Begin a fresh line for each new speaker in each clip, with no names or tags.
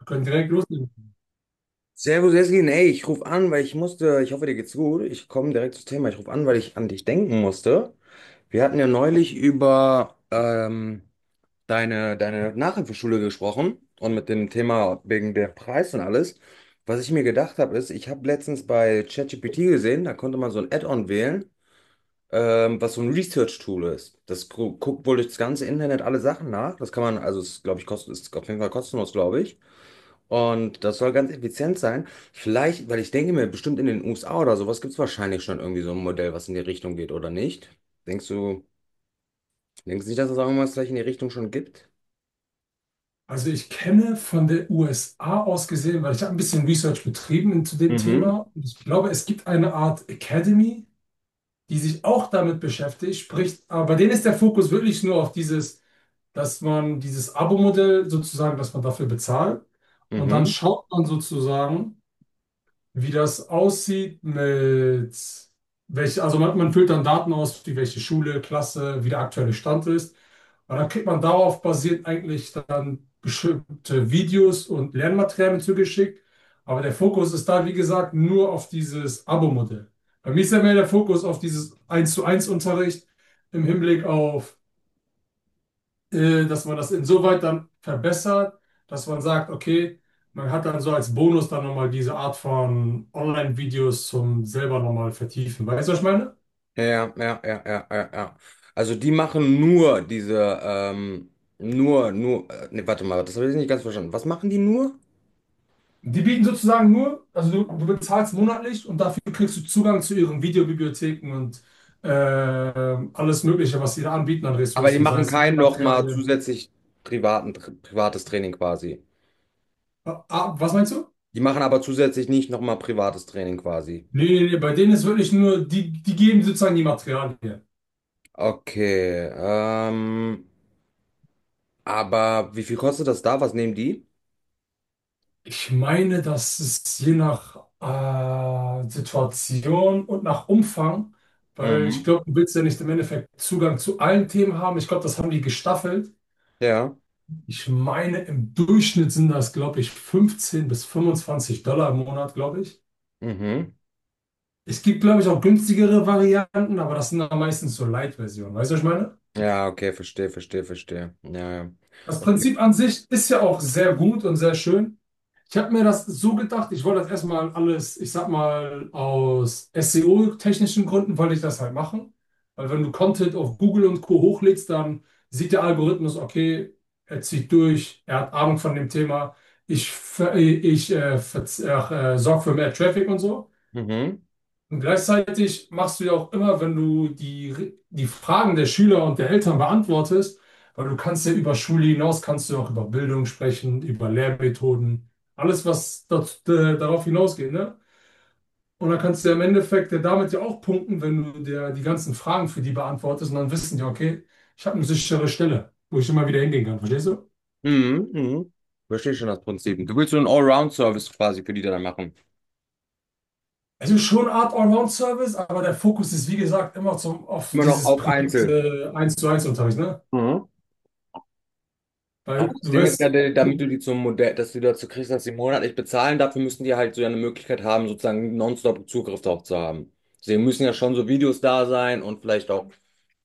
Wir können direkt loslegen.
Servus, Jessin. Ey, ich rufe an, weil ich musste, ich hoffe, dir geht's gut. Ich komme direkt zum Thema. Ich rufe an, weil ich an dich denken musste. Wir hatten ja neulich über deine Nachhilfeschule gesprochen und mit dem Thema wegen der Preis und alles. Was ich mir gedacht habe, ist, ich habe letztens bei ChatGPT gesehen, da konnte man so ein Add-on wählen, was so ein Research-Tool ist. Das gu guckt wohl durchs ganze Internet alle Sachen nach. Das kann man, also, es, glaube ich, kostet, ist auf jeden Fall kostenlos, glaube ich. Und das soll ganz effizient sein. Vielleicht, weil ich denke mir, bestimmt in den USA oder sowas gibt es wahrscheinlich schon irgendwie so ein Modell, was in die Richtung geht, oder nicht? Denkst du, denkst du nicht, dass es auch irgendwas vielleicht in die Richtung schon gibt?
Also ich kenne von der USA aus gesehen, weil ich habe ein bisschen Research betrieben zu dem
Mhm.
Thema. Und ich glaube, es gibt eine Art Academy, die sich auch damit beschäftigt, sprich, aber bei denen ist der Fokus wirklich nur auf dieses, dass man dieses Abo-Modell sozusagen, dass man dafür bezahlt und dann
Mhm.
schaut man sozusagen, wie das aussieht mit welche, also man füllt dann Daten aus, wie welche Schule, Klasse, wie der aktuelle Stand ist. Und dann kriegt man darauf basierend eigentlich dann bestimmte Videos und Lernmaterialien zugeschickt. Aber der Fokus ist da, wie gesagt, nur auf dieses Abo-Modell. Bei mir ist ja mehr der Fokus auf dieses eins zu eins Unterricht im Hinblick auf dass man das insoweit dann verbessert, dass man sagt, okay, man hat dann so als Bonus dann nochmal diese Art von Online-Videos zum selber nochmal vertiefen. Weißt du, was ich meine?
Ja, ja, ja, ja, ja, ja. Also die machen nur diese, nee, warte mal, das habe ich nicht ganz verstanden. Was machen die nur?
Die bieten sozusagen nur, also du bezahlst monatlich und dafür kriegst du Zugang zu ihren Videobibliotheken und alles Mögliche, was sie da anbieten an
Aber die
Ressourcen, sei
machen
es
kein nochmal
Materialien.
zusätzlich privaten, privates Training quasi.
Ah, ah, was meinst du?
Die machen aber zusätzlich nicht nochmal privates Training quasi.
Nee, nee, nee, bei denen ist wirklich nur, die, die geben sozusagen die Materialien.
Okay, aber wie viel kostet das da? Was nehmen die?
Ich meine, dass es je nach Situation und nach Umfang, weil ich
Mhm.
glaube, du willst ja nicht im Endeffekt Zugang zu allen Themen haben. Ich glaube, das haben die gestaffelt.
Ja.
Ich meine, im Durchschnitt sind das, glaube ich, 15 bis 25 Dollar im Monat, glaube ich.
Mhm.
Es gibt, glaube ich, auch günstigere Varianten, aber das sind dann meistens so Light-Versionen. Weißt du, was ich meine?
Ja, okay, verstehe. Ja, ja.
Das
Okay.
Prinzip an sich ist ja auch sehr gut und sehr schön. Ich habe mir das so gedacht, ich wollte das erstmal alles, ich sag mal, aus SEO-technischen Gründen wollte ich das halt machen. Weil wenn du Content auf Google und Co. hochlädst, dann sieht der Algorithmus, okay, er zieht durch, er hat Ahnung von dem Thema, ich, ver- ich sorge für mehr Traffic und so.
Mhm.
Und gleichzeitig machst du ja auch immer, wenn du die Fragen der Schüler und der Eltern beantwortest, weil du kannst ja über Schule hinaus, kannst du auch über Bildung sprechen, über Lehrmethoden, alles, was dort darauf hinausgeht, ne? Und dann kannst du ja im Endeffekt ja damit ja auch punkten, wenn du dir die ganzen Fragen für die beantwortest und dann wissen die, okay, ich habe eine sichere Stelle, wo ich immer wieder hingehen kann, verstehst du?
Mhm. Mhm. Verstehe schon das Prinzip. Du willst so einen Allround-Service quasi für die dann machen.
Also schon eine Art Allround-Service, aber der Fokus ist, wie gesagt, immer zum, auf
Immer noch
dieses
auf Einzel.
private eins zu eins Unterricht, ne?
Mhm. Aber
Weil
das
du
Ding ist ja,
wirst,
damit du die zum Modell, dass du die dazu kriegst, dass sie monatlich bezahlen, dafür müssen die halt so ja eine Möglichkeit haben, sozusagen nonstop Zugriff darauf zu haben. Sie müssen ja schon so Videos da sein und vielleicht auch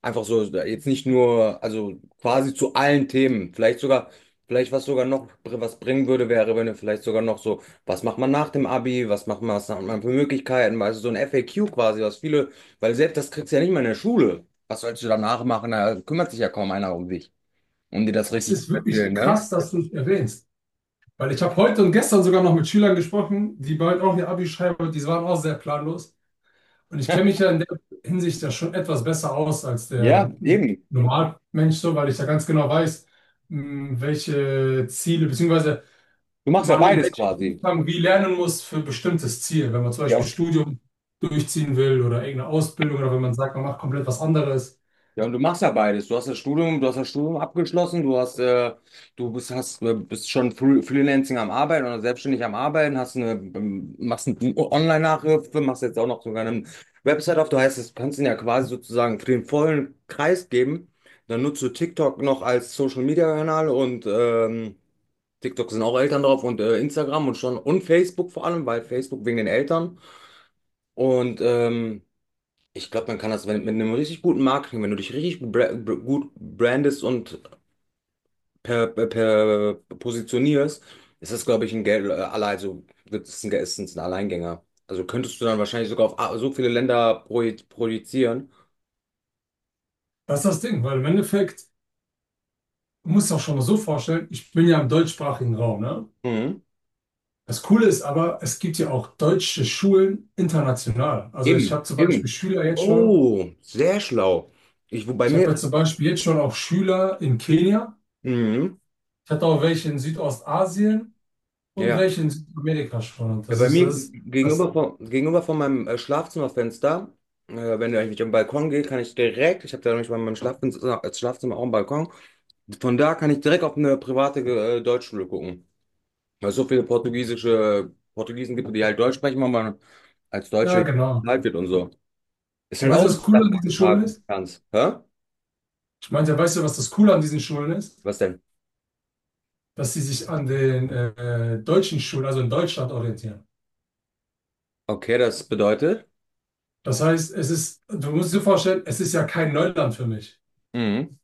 einfach so, jetzt nicht nur, also quasi zu allen Themen. Vielleicht was sogar noch was bringen würde, wäre, wenn du vielleicht sogar noch so, was macht man nach dem Abi, was macht man, was hat man für Möglichkeiten, also so ein FAQ quasi, was viele, weil selbst das kriegst du ja nicht mal in der Schule. Was sollst du danach machen? Da kümmert sich ja kaum einer um dich, um dir das
Es
richtig
ist
zu erzählen,
wirklich
ne?
krass, dass du es erwähnst. Weil ich habe heute und gestern sogar noch mit Schülern gesprochen, die bald auch ihr Abi schreiben und die waren auch sehr planlos. Und ich kenne mich ja in der Hinsicht ja schon etwas besser aus als
Ja,
der
eben.
Normalmensch, so, weil ich ja ganz genau weiß, welche Ziele, beziehungsweise
Du machst ja
man in
beides
welchem
quasi.
Umfang wie lernen muss für ein bestimmtes Ziel. Wenn man zum Beispiel
Ja.
Studium durchziehen will oder irgendeine Ausbildung oder wenn man sagt, man macht komplett was anderes.
Ja, und du machst ja beides. Du hast das Studium, du hast das Studium abgeschlossen, bist schon Freelancing am Arbeiten oder selbstständig am Arbeiten, machst eine Online-Nachhilfe, machst jetzt auch noch sogar eine Website auf. Du heißt, das kannst du ihn ja quasi sozusagen für den vollen Kreis geben. Dann nutzt du TikTok noch als Social-Media-Kanal und TikTok sind auch Eltern drauf und Instagram und schon und Facebook vor allem, weil Facebook wegen den Eltern. Und ich glaube, man kann das wenn, mit einem richtig guten Marketing, wenn du dich richtig gut, gut brandest und per positionierst, ist das, glaube ich, also wird es ein, ist es ein Alleingänger. Also könntest du dann wahrscheinlich sogar auf so viele Länder projizieren.
Das ist das Ding, weil im Endeffekt, du musst sich auch schon mal so vorstellen, ich bin ja im deutschsprachigen Raum, ne?
Mhm.
Das Coole ist aber, es gibt ja auch deutsche Schulen international. Also ich
Eben,
habe zum Beispiel
eben.
Schüler jetzt schon,
Oh, sehr schlau. Ich, wo bei
ich habe jetzt
mir.
zum Beispiel jetzt schon auch Schüler in Kenia.
Mhm.
Ich hatte auch welche in Südostasien und
Ja.
welche in Südamerika schon. Und
Ja, bei mir
das,
gegenüber von meinem Schlafzimmerfenster, wenn ich am Balkon gehe, kann ich direkt, ich habe da nämlich bei meinem Schlafzimmer auch einen Balkon, von da kann ich direkt auf eine private Deutschschule gucken. Weil es so viele portugiesische Portugiesen gibt, die halt Deutsch sprechen, weil man als Deutscher
ja genau.
halt wird und so. Ist
Und
halt
weißt
auch
du,
eine
was cool an
Sache
diesen Schulen
heutzutage,
ist?
ganz. Hä?
Ich meinte, weißt du, was das Coole an diesen Schulen ist?
Was denn?
Dass sie sich an den deutschen Schulen, also in Deutschland, orientieren.
Okay, das bedeutet.
Das heißt, du musst dir vorstellen, es ist ja kein Neuland für mich.
Mhm.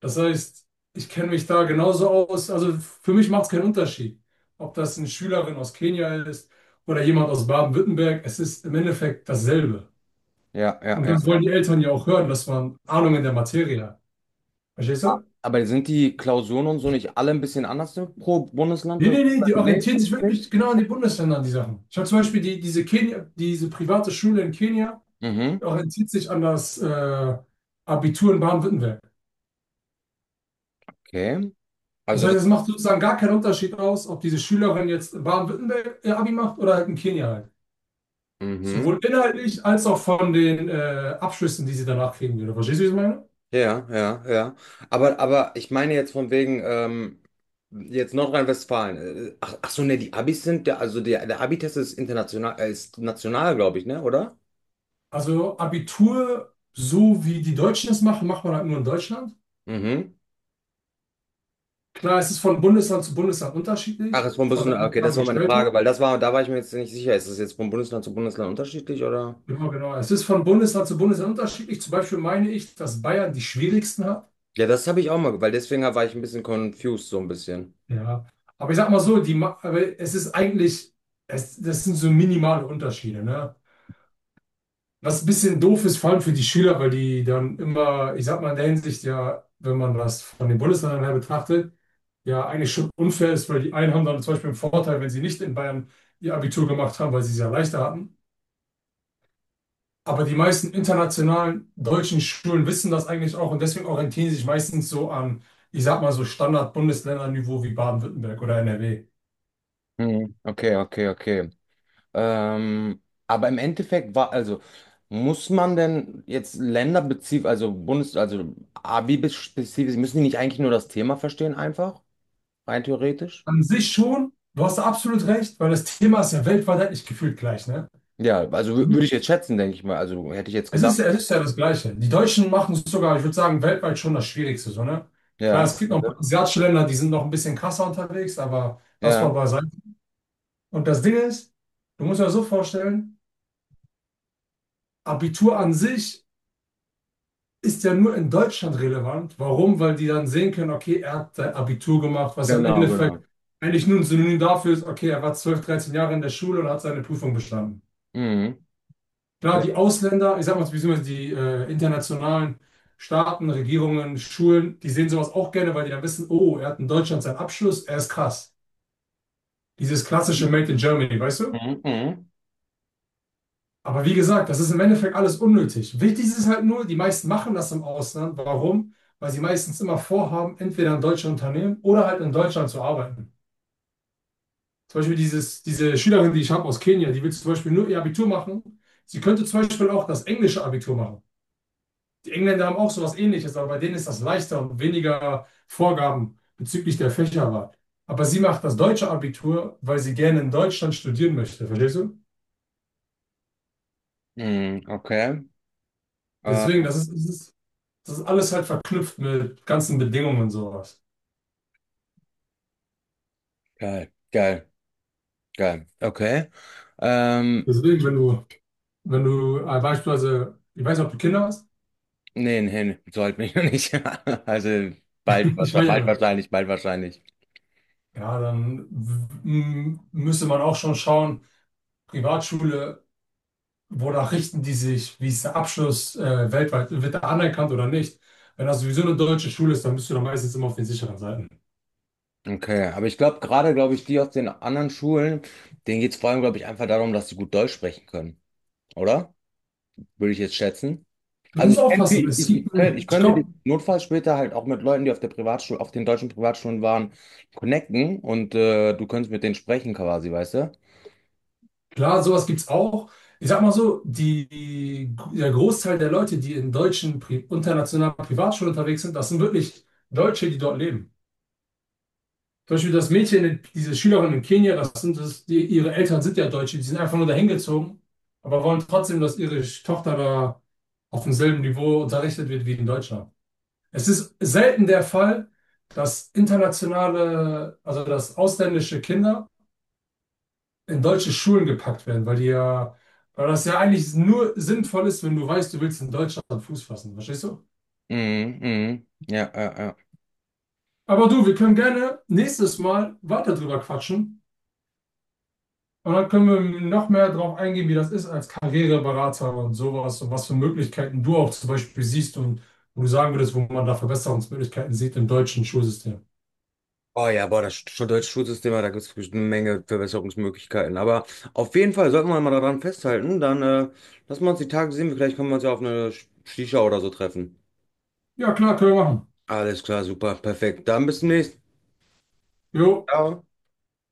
Das heißt, ich kenne mich da genauso aus. Also für mich macht es keinen Unterschied, ob das eine Schülerin aus Kenia ist oder jemand aus Baden-Württemberg. Es ist im Endeffekt dasselbe.
Ja, ja,
Und
ja.
das wollen die Eltern ja auch hören, dass man Ahnung in der Materie hat. Verstehst du?
Aber sind die Klausuren und so nicht alle ein bisschen anders pro Bundesland?
Nee,
Also,
nee, nee, die
nee,
orientieren sich
ist nicht.
wirklich genau an die Bundesländer, an die Sachen. Ich habe zum Beispiel Kenia, diese private Schule in Kenia,
Mhm.
die orientiert sich an das Abitur in Baden-Württemberg.
Okay.
Das
Also
heißt,
das,
es macht sozusagen gar keinen Unterschied aus, ob diese Schülerin jetzt in Baden-Württemberg ihr Abi macht oder halt in Kenia halt.
mhm.
Sowohl inhaltlich als auch von den Abschlüssen, die sie danach kriegen. Oder verstehst du, wie ich meine?
Ja, ja, ja. Aber ich meine jetzt von wegen, jetzt Nordrhein-Westfalen. Ach, ach so, ne, die Abis sind, der, also der, der Abi-Test ist international, ist national, glaube ich, ne, oder?
Also Abitur, so wie die Deutschen es machen, macht man halt nur in Deutschland.
Mhm.
Klar, es ist von Bundesland zu Bundesland
Ach,
unterschiedlich,
ist vom
von der
Bundesland, okay, das war meine Frage,
Aufgabengestaltung.
weil das war, da war ich mir jetzt nicht sicher, ist das jetzt von Bundesland zu Bundesland unterschiedlich, oder?
Genau, genau. Es ist von Bundesland zu Bundesland unterschiedlich. Zum Beispiel meine ich, dass Bayern die schwierigsten hat.
Ja, das habe ich auch mal, weil deswegen war ich ein bisschen confused, so ein bisschen.
Ja. Aber ich sag mal so, aber es ist eigentlich, es, das sind so minimale Unterschiede, ne? Was ein bisschen doof ist, vor allem für die Schüler, weil die dann immer, ich sag mal in der Hinsicht ja, wenn man das von den Bundesländern her betrachtet, ja eigentlich schon unfair ist, weil die einen haben dann zum Beispiel einen Vorteil, wenn sie nicht in Bayern ihr Abitur gemacht haben, weil sie es ja leichter hatten. Aber die meisten internationalen deutschen Schulen wissen das eigentlich auch und deswegen orientieren sie sich meistens so an, ich sag mal so Standard-Bundesländer-Niveau wie Baden-Württemberg oder NRW.
Hm, okay, okay, okay. Ähm, aber im Endeffekt war, also muss man denn jetzt länderspezifisch, also Bundes, also Abi-spezifisch, müssen die nicht eigentlich nur das Thema verstehen einfach, rein theoretisch?
An sich schon, du hast da absolut recht, weil das Thema ist ja weltweit eigentlich gefühlt gleich, ne?
Ja, also würde ich jetzt schätzen, denke ich mal. Also hätte ich jetzt gedacht.
Es ist ja das Gleiche. Die Deutschen machen es sogar, ich würde sagen, weltweit schon das Schwierigste, so, ne? Klar, es
Ja,
gibt noch ein paar
okay.
asiatische Länder, die sind noch ein bisschen krasser unterwegs, aber das
Ja,
war beiseite. Und das Ding ist, du musst dir das so vorstellen, Abitur an sich ist ja nur in Deutschland relevant. Warum? Weil die dann sehen können, okay, er hat sein Abitur gemacht, was im
genau,
Endeffekt
genau.
eigentlich nur ein Synonym dafür ist, okay, er war 12, 13 Jahre in der Schule und hat seine Prüfung bestanden.
Mhm.
Klar,
Ja.
die Ausländer, ich sag mal, beziehungsweise die internationalen Staaten, Regierungen, Schulen, die sehen sowas auch gerne, weil die dann wissen, oh, er hat in Deutschland seinen Abschluss, er ist krass. Dieses klassische Made in Germany, weißt du?
Mhm, mhm.
Aber wie gesagt, das ist im Endeffekt alles unnötig. Wichtig ist es halt nur, die meisten machen das im Ausland. Warum? Weil sie meistens immer vorhaben, entweder in deutsche Unternehmen oder halt in Deutschland zu arbeiten. Zum Beispiel diese Schülerin, die ich habe aus Kenia, die will zum Beispiel nur ihr Abitur machen. Sie könnte zum Beispiel auch das englische Abitur machen. Die Engländer haben auch sowas Ähnliches, aber bei denen ist das leichter und weniger Vorgaben bezüglich der Fächerwahl. Aber sie macht das deutsche Abitur, weil sie gerne in Deutschland studieren möchte, verstehst du?
Mhm, okay. Äh,
Deswegen, das ist alles halt verknüpft mit ganzen Bedingungen und sowas.
geil, geil, geil. Okay. Ähm,
Deswegen, wenn du beispielsweise, ich weiß nicht, ob du Kinder hast,
nee, nee, nee, sollte mich noch nicht. Also bald,
ich meine ja
bald
nur,
wahrscheinlich, bald wahrscheinlich.
ja, dann müsste man auch schon schauen, Privatschule wonach richten die sich? Wie ist der Abschluss weltweit? Wird er anerkannt oder nicht? Wenn das sowieso eine deutsche Schule ist, dann bist du da meistens immer auf den sicheren Seiten.
Okay, aber ich glaube gerade, glaube ich, die aus den anderen Schulen, denen geht es vor allem, glaube ich, einfach darum, dass sie gut Deutsch sprechen können, oder? Würde ich jetzt schätzen.
Du
Also
musst
ich, kenn-
aufpassen.
ich, ich, ich könnt- ich
Ich
könnte den
glaube,
Notfall später halt auch mit Leuten, die auf der Privatschule, auf den deutschen Privatschulen waren, connecten und du könntest mit denen sprechen quasi, weißt du?
klar, sowas gibt es auch. Ich sag mal so, der Großteil der Leute, die in deutschen, pri internationalen Privatschulen unterwegs sind, das sind wirklich Deutsche, die dort leben. Zum Beispiel das Mädchen, diese Schülerin in Kenia, das sind das, die, ihre Eltern sind ja Deutsche, die sind einfach nur dahin gezogen, aber wollen trotzdem, dass ihre Tochter da auf demselben Niveau unterrichtet wird wie in Deutschland. Es ist selten der Fall, dass internationale, also dass ausländische Kinder in deutsche Schulen gepackt werden, weil die ja, weil das ja eigentlich nur sinnvoll ist, wenn du weißt, du willst in Deutschland Fuß fassen, verstehst du?
Mhm, mhm. Ja, ja, ja.
Aber du, wir können gerne nächstes Mal weiter drüber quatschen. Und dann können wir noch mehr darauf eingehen, wie das ist als Karriereberater und sowas und was für Möglichkeiten du auch zum Beispiel siehst und wo du sagen würdest, wo man da Verbesserungsmöglichkeiten sieht im deutschen Schulsystem.
Oh ja, boah, das deutsche Schulsystem, da gibt es eine Menge Verbesserungsmöglichkeiten. Aber auf jeden Fall sollten wir mal daran festhalten. Dann lassen wir uns die Tage sehen. Vielleicht können wir uns ja auf eine Shisha oder so treffen.
Ja, klar, können wir machen.
Alles klar, super, perfekt. Dann bis zum nächsten Mal.
Jo.
Ciao.